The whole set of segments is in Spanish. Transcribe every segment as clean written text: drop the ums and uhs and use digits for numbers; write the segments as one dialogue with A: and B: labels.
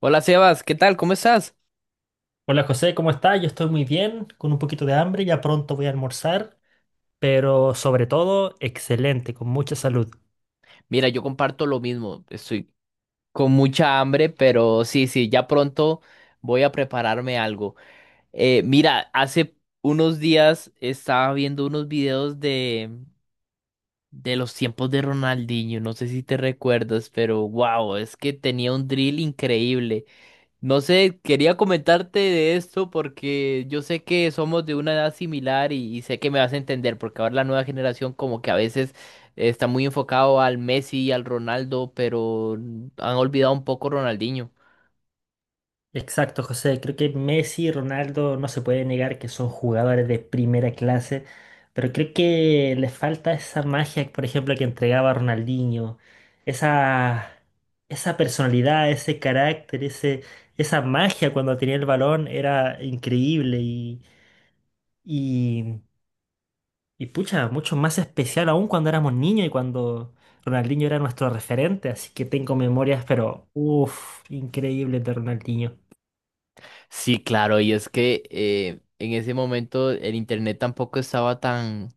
A: Hola Sebas, ¿qué tal? ¿Cómo estás?
B: Hola José, ¿cómo estás? Yo estoy muy bien, con un poquito de hambre, ya pronto voy a almorzar, pero sobre todo, excelente, con mucha salud.
A: Mira, yo comparto lo mismo. Estoy con mucha hambre, pero sí, sí, ya pronto voy a prepararme algo. Mira, hace unos días estaba viendo unos videos de los tiempos de Ronaldinho. No sé si te recuerdas, pero wow, es que tenía un drill increíble. No sé, quería comentarte de esto porque yo sé que somos de una edad similar y sé que me vas a entender porque ahora la nueva generación como que a veces está muy enfocado al Messi y al Ronaldo, pero han olvidado un poco Ronaldinho.
B: Exacto, José, creo que Messi y Ronaldo no se puede negar que son jugadores de primera clase, pero creo que les falta esa magia, por ejemplo, que entregaba Ronaldinho, esa, esa personalidad, ese carácter, ese, esa magia cuando tenía el balón era increíble y... Y Y pucha, mucho más especial aún cuando éramos niños y cuando Ronaldinho era nuestro referente, así que tengo memorias, pero uff, increíbles de Ronaldinho.
A: Sí, claro, y es que en ese momento el internet tampoco estaba tan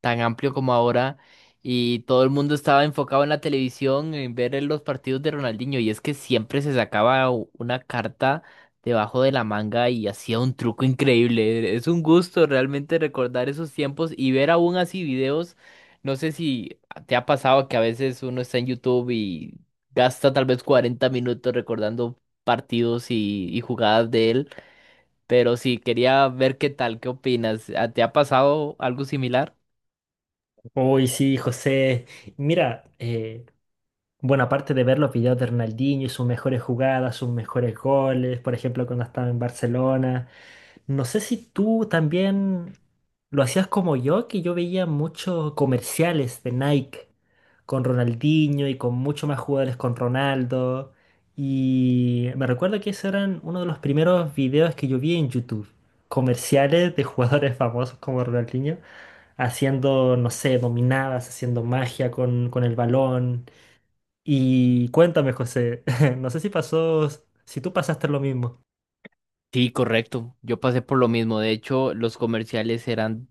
A: tan amplio como ahora y todo el mundo estaba enfocado en la televisión, en ver los partidos de Ronaldinho y es que siempre se sacaba una carta debajo de la manga y hacía un truco increíble. Es un gusto realmente recordar esos tiempos y ver aún así videos. No sé si te ha pasado que a veces uno está en YouTube y gasta tal vez 40 minutos recordando partidos y jugadas de él, pero sí, quería ver qué tal, qué opinas. ¿ ¿Te ha pasado algo similar?
B: Uy, sí, José. Mira, bueno, aparte de ver los videos de Ronaldinho y sus mejores jugadas, sus mejores goles, por ejemplo, cuando estaba en Barcelona. No sé si tú también lo hacías como yo, que yo veía muchos comerciales de Nike con Ronaldinho y con muchos más jugadores con Ronaldo. Y me recuerdo que esos eran uno de los primeros videos que yo vi en YouTube. Comerciales de jugadores famosos como Ronaldinho haciendo, no sé, dominadas, haciendo magia con el balón. Y cuéntame, José, no sé si pasó, si tú pasaste lo mismo.
A: Sí, correcto. Yo pasé por lo mismo. De hecho, los comerciales eran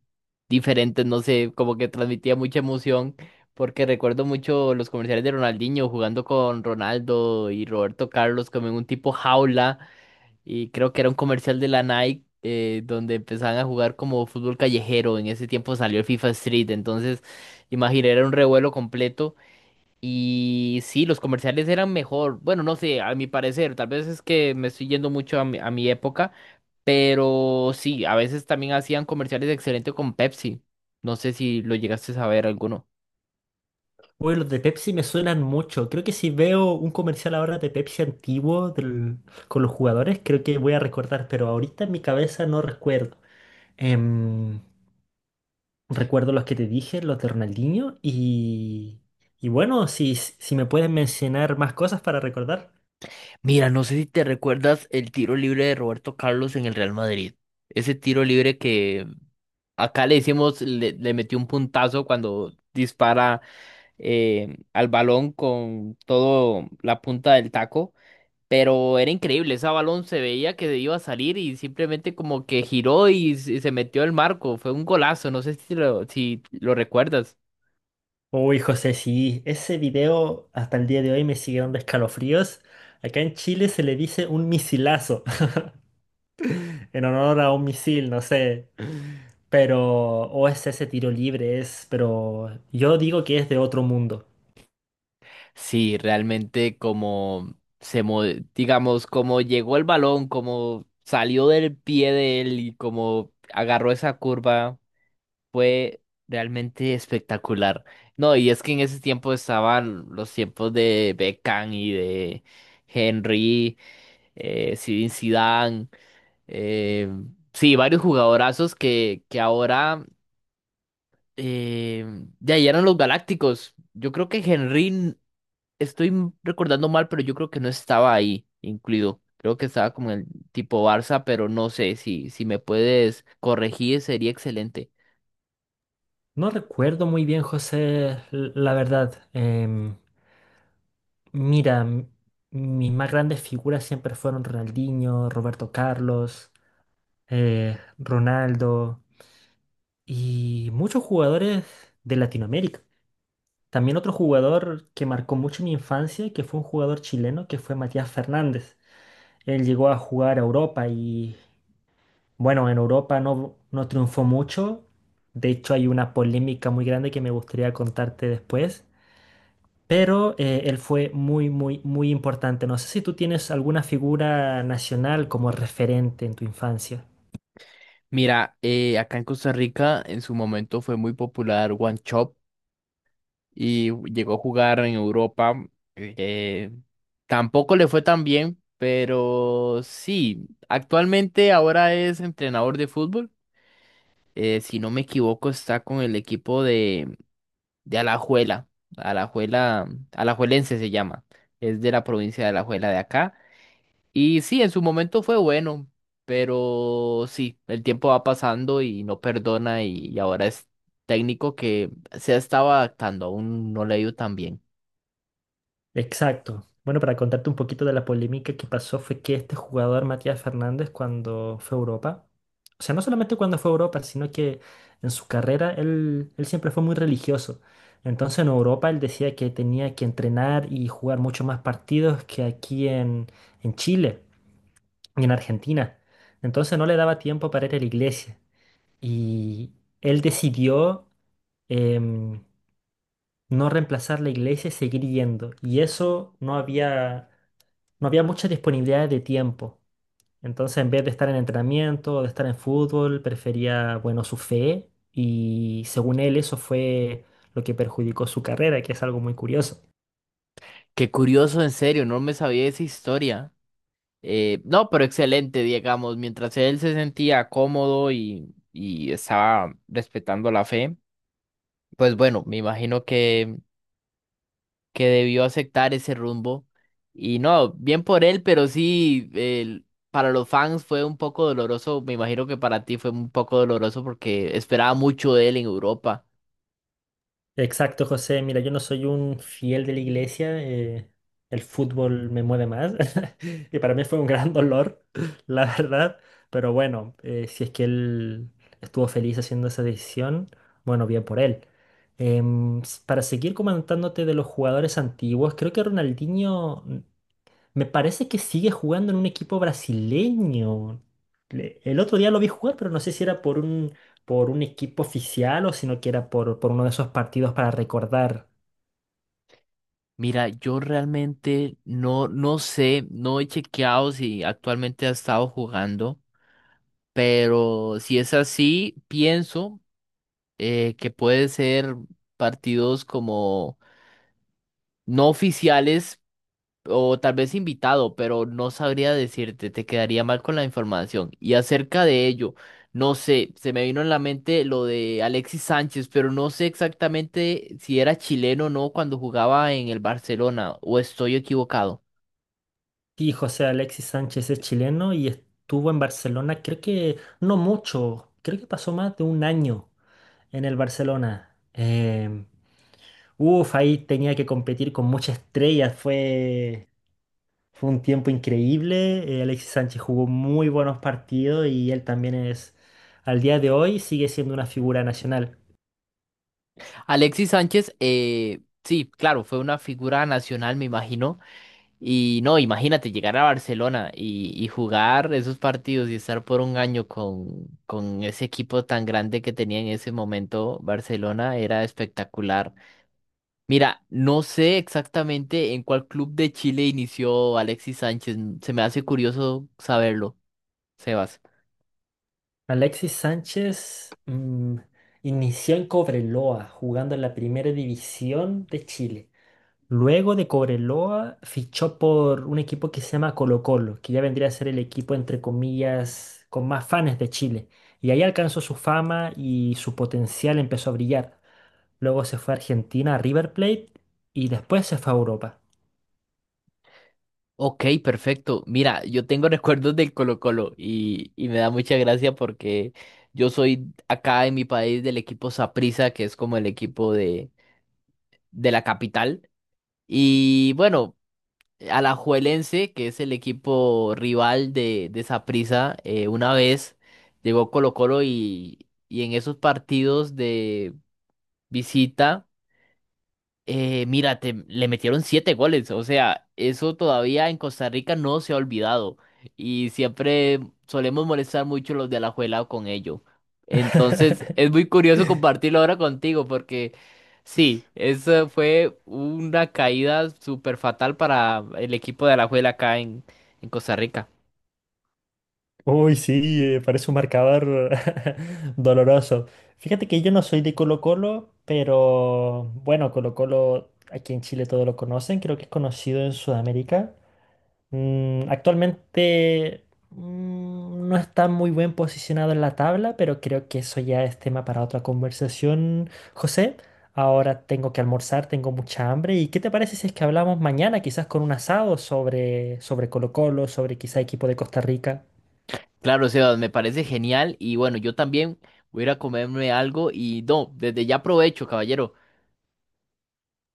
A: diferentes, no sé, como que transmitía mucha emoción, porque recuerdo mucho los comerciales de Ronaldinho jugando con Ronaldo y Roberto Carlos como en un tipo jaula, y creo que era un comercial de la Nike donde empezaban a jugar como fútbol callejero. En ese tiempo salió el FIFA Street, entonces, imagina, era un revuelo completo. Y sí, los comerciales eran mejor. Bueno, no sé, a mi parecer, tal vez es que me estoy yendo mucho a mi época. Pero sí, a veces también hacían comerciales excelentes con Pepsi. No sé si lo llegaste a ver alguno.
B: Uy, los de Pepsi me suenan mucho. Creo que si veo un comercial ahora de Pepsi antiguo del- con los jugadores, creo que voy a recordar, pero ahorita en mi cabeza no recuerdo. Em, Recuerdo los que te dije, los de Ronaldinho, y bueno, si, si me pueden mencionar más cosas para recordar.
A: Mira, no sé si te recuerdas el tiro libre de Roberto Carlos en el Real Madrid. Ese tiro libre que acá le decimos, le metió un puntazo cuando dispara al balón con todo la punta del taco. Pero era increíble, ese balón se veía que iba a salir y simplemente como que giró y, se metió el marco. Fue un golazo, no sé si si lo recuerdas.
B: Uy, José, sí, ese video hasta el día de hoy me sigue dando escalofríos. Acá en Chile se le dice un misilazo, en honor a un misil, no sé. Pero, o es ese tiro libre, es, pero yo digo que es de otro mundo.
A: Sí, realmente como digamos, como llegó el balón, como salió del pie de él y como agarró esa curva, fue realmente espectacular. No, y es que en ese tiempo estaban los tiempos de Beckham y de Henry, Zinedine Zidane, eh, sí, varios jugadorazos que ahora eh, ya eran los galácticos. Yo creo que Henry estoy recordando mal, pero yo creo que no estaba ahí incluido. Creo que estaba como en el tipo Barça, pero no sé si, si me puedes corregir, sería excelente.
B: No recuerdo muy bien, José, l- la verdad. Mira, m- mis más grandes figuras siempre fueron Ronaldinho, Roberto Carlos, Ronaldo y muchos jugadores de Latinoamérica. También otro jugador que marcó mucho mi infancia, que fue un jugador chileno, que fue Matías Fernández. Él llegó a jugar a Europa y bueno, en Europa no, no triunfó mucho. De hecho, hay una polémica muy grande que me gustaría contarte después. Pero él fue muy, muy, muy importante. No sé si tú tienes alguna figura nacional como referente en tu infancia.
A: Mira, acá en Costa Rica en su momento fue muy popular One Chop y llegó a jugar en Europa. eh, tampoco le fue tan bien, pero sí, actualmente ahora es entrenador de fútbol. Si no me equivoco, está con el equipo de Alajuela, Alajuelense se llama, es de la provincia de Alajuela de acá. Y sí, en su momento fue bueno, pero sí, el tiempo va pasando y no perdona y ahora es técnico que se ha estado adaptando, aún no le ha ido tan bien.
B: Exacto. Bueno, para contarte un poquito de la polémica que pasó fue que este jugador, Matías Fernández, cuando fue a Europa, o sea, no solamente cuando fue a Europa, sino que en su carrera él siempre fue muy religioso. Entonces en Europa él decía que tenía que entrenar y jugar mucho más partidos que aquí en Chile y en Argentina. Entonces no le daba tiempo para ir a la iglesia. Y él decidió... em, no reemplazar la iglesia y seguir yendo. Y eso no había mucha disponibilidad de tiempo. Entonces, en vez de estar en entrenamiento, o de estar en fútbol, prefería, bueno, su fe y según él eso fue lo que perjudicó su carrera, que es algo muy curioso.
A: Qué curioso, en serio, no me sabía esa historia. No, pero excelente, digamos, mientras él se sentía cómodo y estaba respetando la fe, pues bueno, me imagino que debió aceptar ese rumbo. Y no, bien por él, pero sí, para los fans fue un poco doloroso. Me imagino que para ti fue un poco doloroso porque esperaba mucho de él en Europa.
B: Exacto, José. Mira, yo no soy un fiel de la iglesia. El fútbol me mueve más. Y para mí fue un gran dolor, la verdad. Pero bueno, si es que él estuvo feliz haciendo esa decisión, bueno, bien por él. S- para seguir comentándote de los jugadores antiguos, creo que Ronaldinho me parece que sigue jugando en un equipo brasileño. Le- El otro día lo vi jugar, pero no sé si era por un equipo oficial o sino que era por uno de esos partidos para recordar.
A: Mira, yo realmente no sé, no he chequeado si actualmente ha estado jugando, pero si es así, pienso que puede ser partidos como no oficiales o tal vez invitado, pero no sabría decirte, te quedaría mal con la información. Y acerca de ello, no sé, se me vino en la mente lo de Alexis Sánchez, pero no sé exactamente si era chileno o no cuando jugaba en el Barcelona, o estoy equivocado.
B: Sí, José, Alexis Sánchez es chileno y estuvo en Barcelona, creo que no mucho, creo que pasó más de un año en el Barcelona. Uf, ahí tenía que competir con muchas estrellas, fue... Fue un tiempo increíble. Alexis Sánchez jugó muy buenos partidos y él también es, al día de hoy, sigue siendo una figura nacional.
A: Alexis Sánchez, sí, claro, fue una figura nacional, me imagino. Y no, imagínate llegar a Barcelona y jugar esos partidos y estar por un año con ese equipo tan grande que tenía en ese momento Barcelona era espectacular. Mira, no sé exactamente en cuál club de Chile inició Alexis Sánchez. Se me hace curioso saberlo, Sebas.
B: Alexis Sánchez inició en Cobreloa, jugando en la primera división de Chile. Luego de Cobreloa, fichó por un equipo que se llama Colo Colo, que ya vendría a ser el equipo, entre comillas, con más fans de Chile. Y ahí alcanzó su fama y su potencial empezó a brillar. Luego se fue a Argentina, a River Plate, y después se fue a Europa.
A: Ok, perfecto. Mira, yo tengo recuerdos del Colo-Colo y me da mucha gracia porque yo soy acá en mi país del equipo Saprissa, que es como el equipo de la capital. Y bueno, Alajuelense, que es el equipo rival de Saprissa, una vez llegó Colo-Colo y en esos partidos de visita. Le metieron 7 goles, o sea, eso todavía en Costa Rica no se ha olvidado y siempre solemos molestar mucho los de Alajuela con ello. Entonces, es muy curioso compartirlo ahora contigo porque sí, eso fue una caída súper fatal para el equipo de Alajuela acá en Costa Rica.
B: Uy, sí, parece un marcador doloroso. Fíjate que yo no soy de Colo-Colo, pero bueno, Colo-Colo aquí en Chile todos lo conocen, creo que es conocido en Sudamérica. Actualmente no está muy bien posicionado en la tabla, pero creo que eso ya es tema para otra conversación, José. Ahora tengo que almorzar, tengo mucha hambre. ¿Y qué te parece si es que hablamos mañana, quizás con un asado sobre, sobre Colo-Colo, sobre quizá equipo de Costa Rica?
A: Claro, Sebas, me parece genial y bueno, yo también voy a ir a comerme algo y no, desde ya aprovecho, caballero.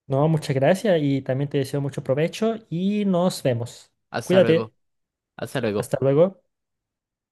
B: No, muchas gracias y también te deseo mucho provecho y nos vemos.
A: Hasta luego,
B: Cuídate.
A: hasta
B: Hasta
A: luego.
B: luego.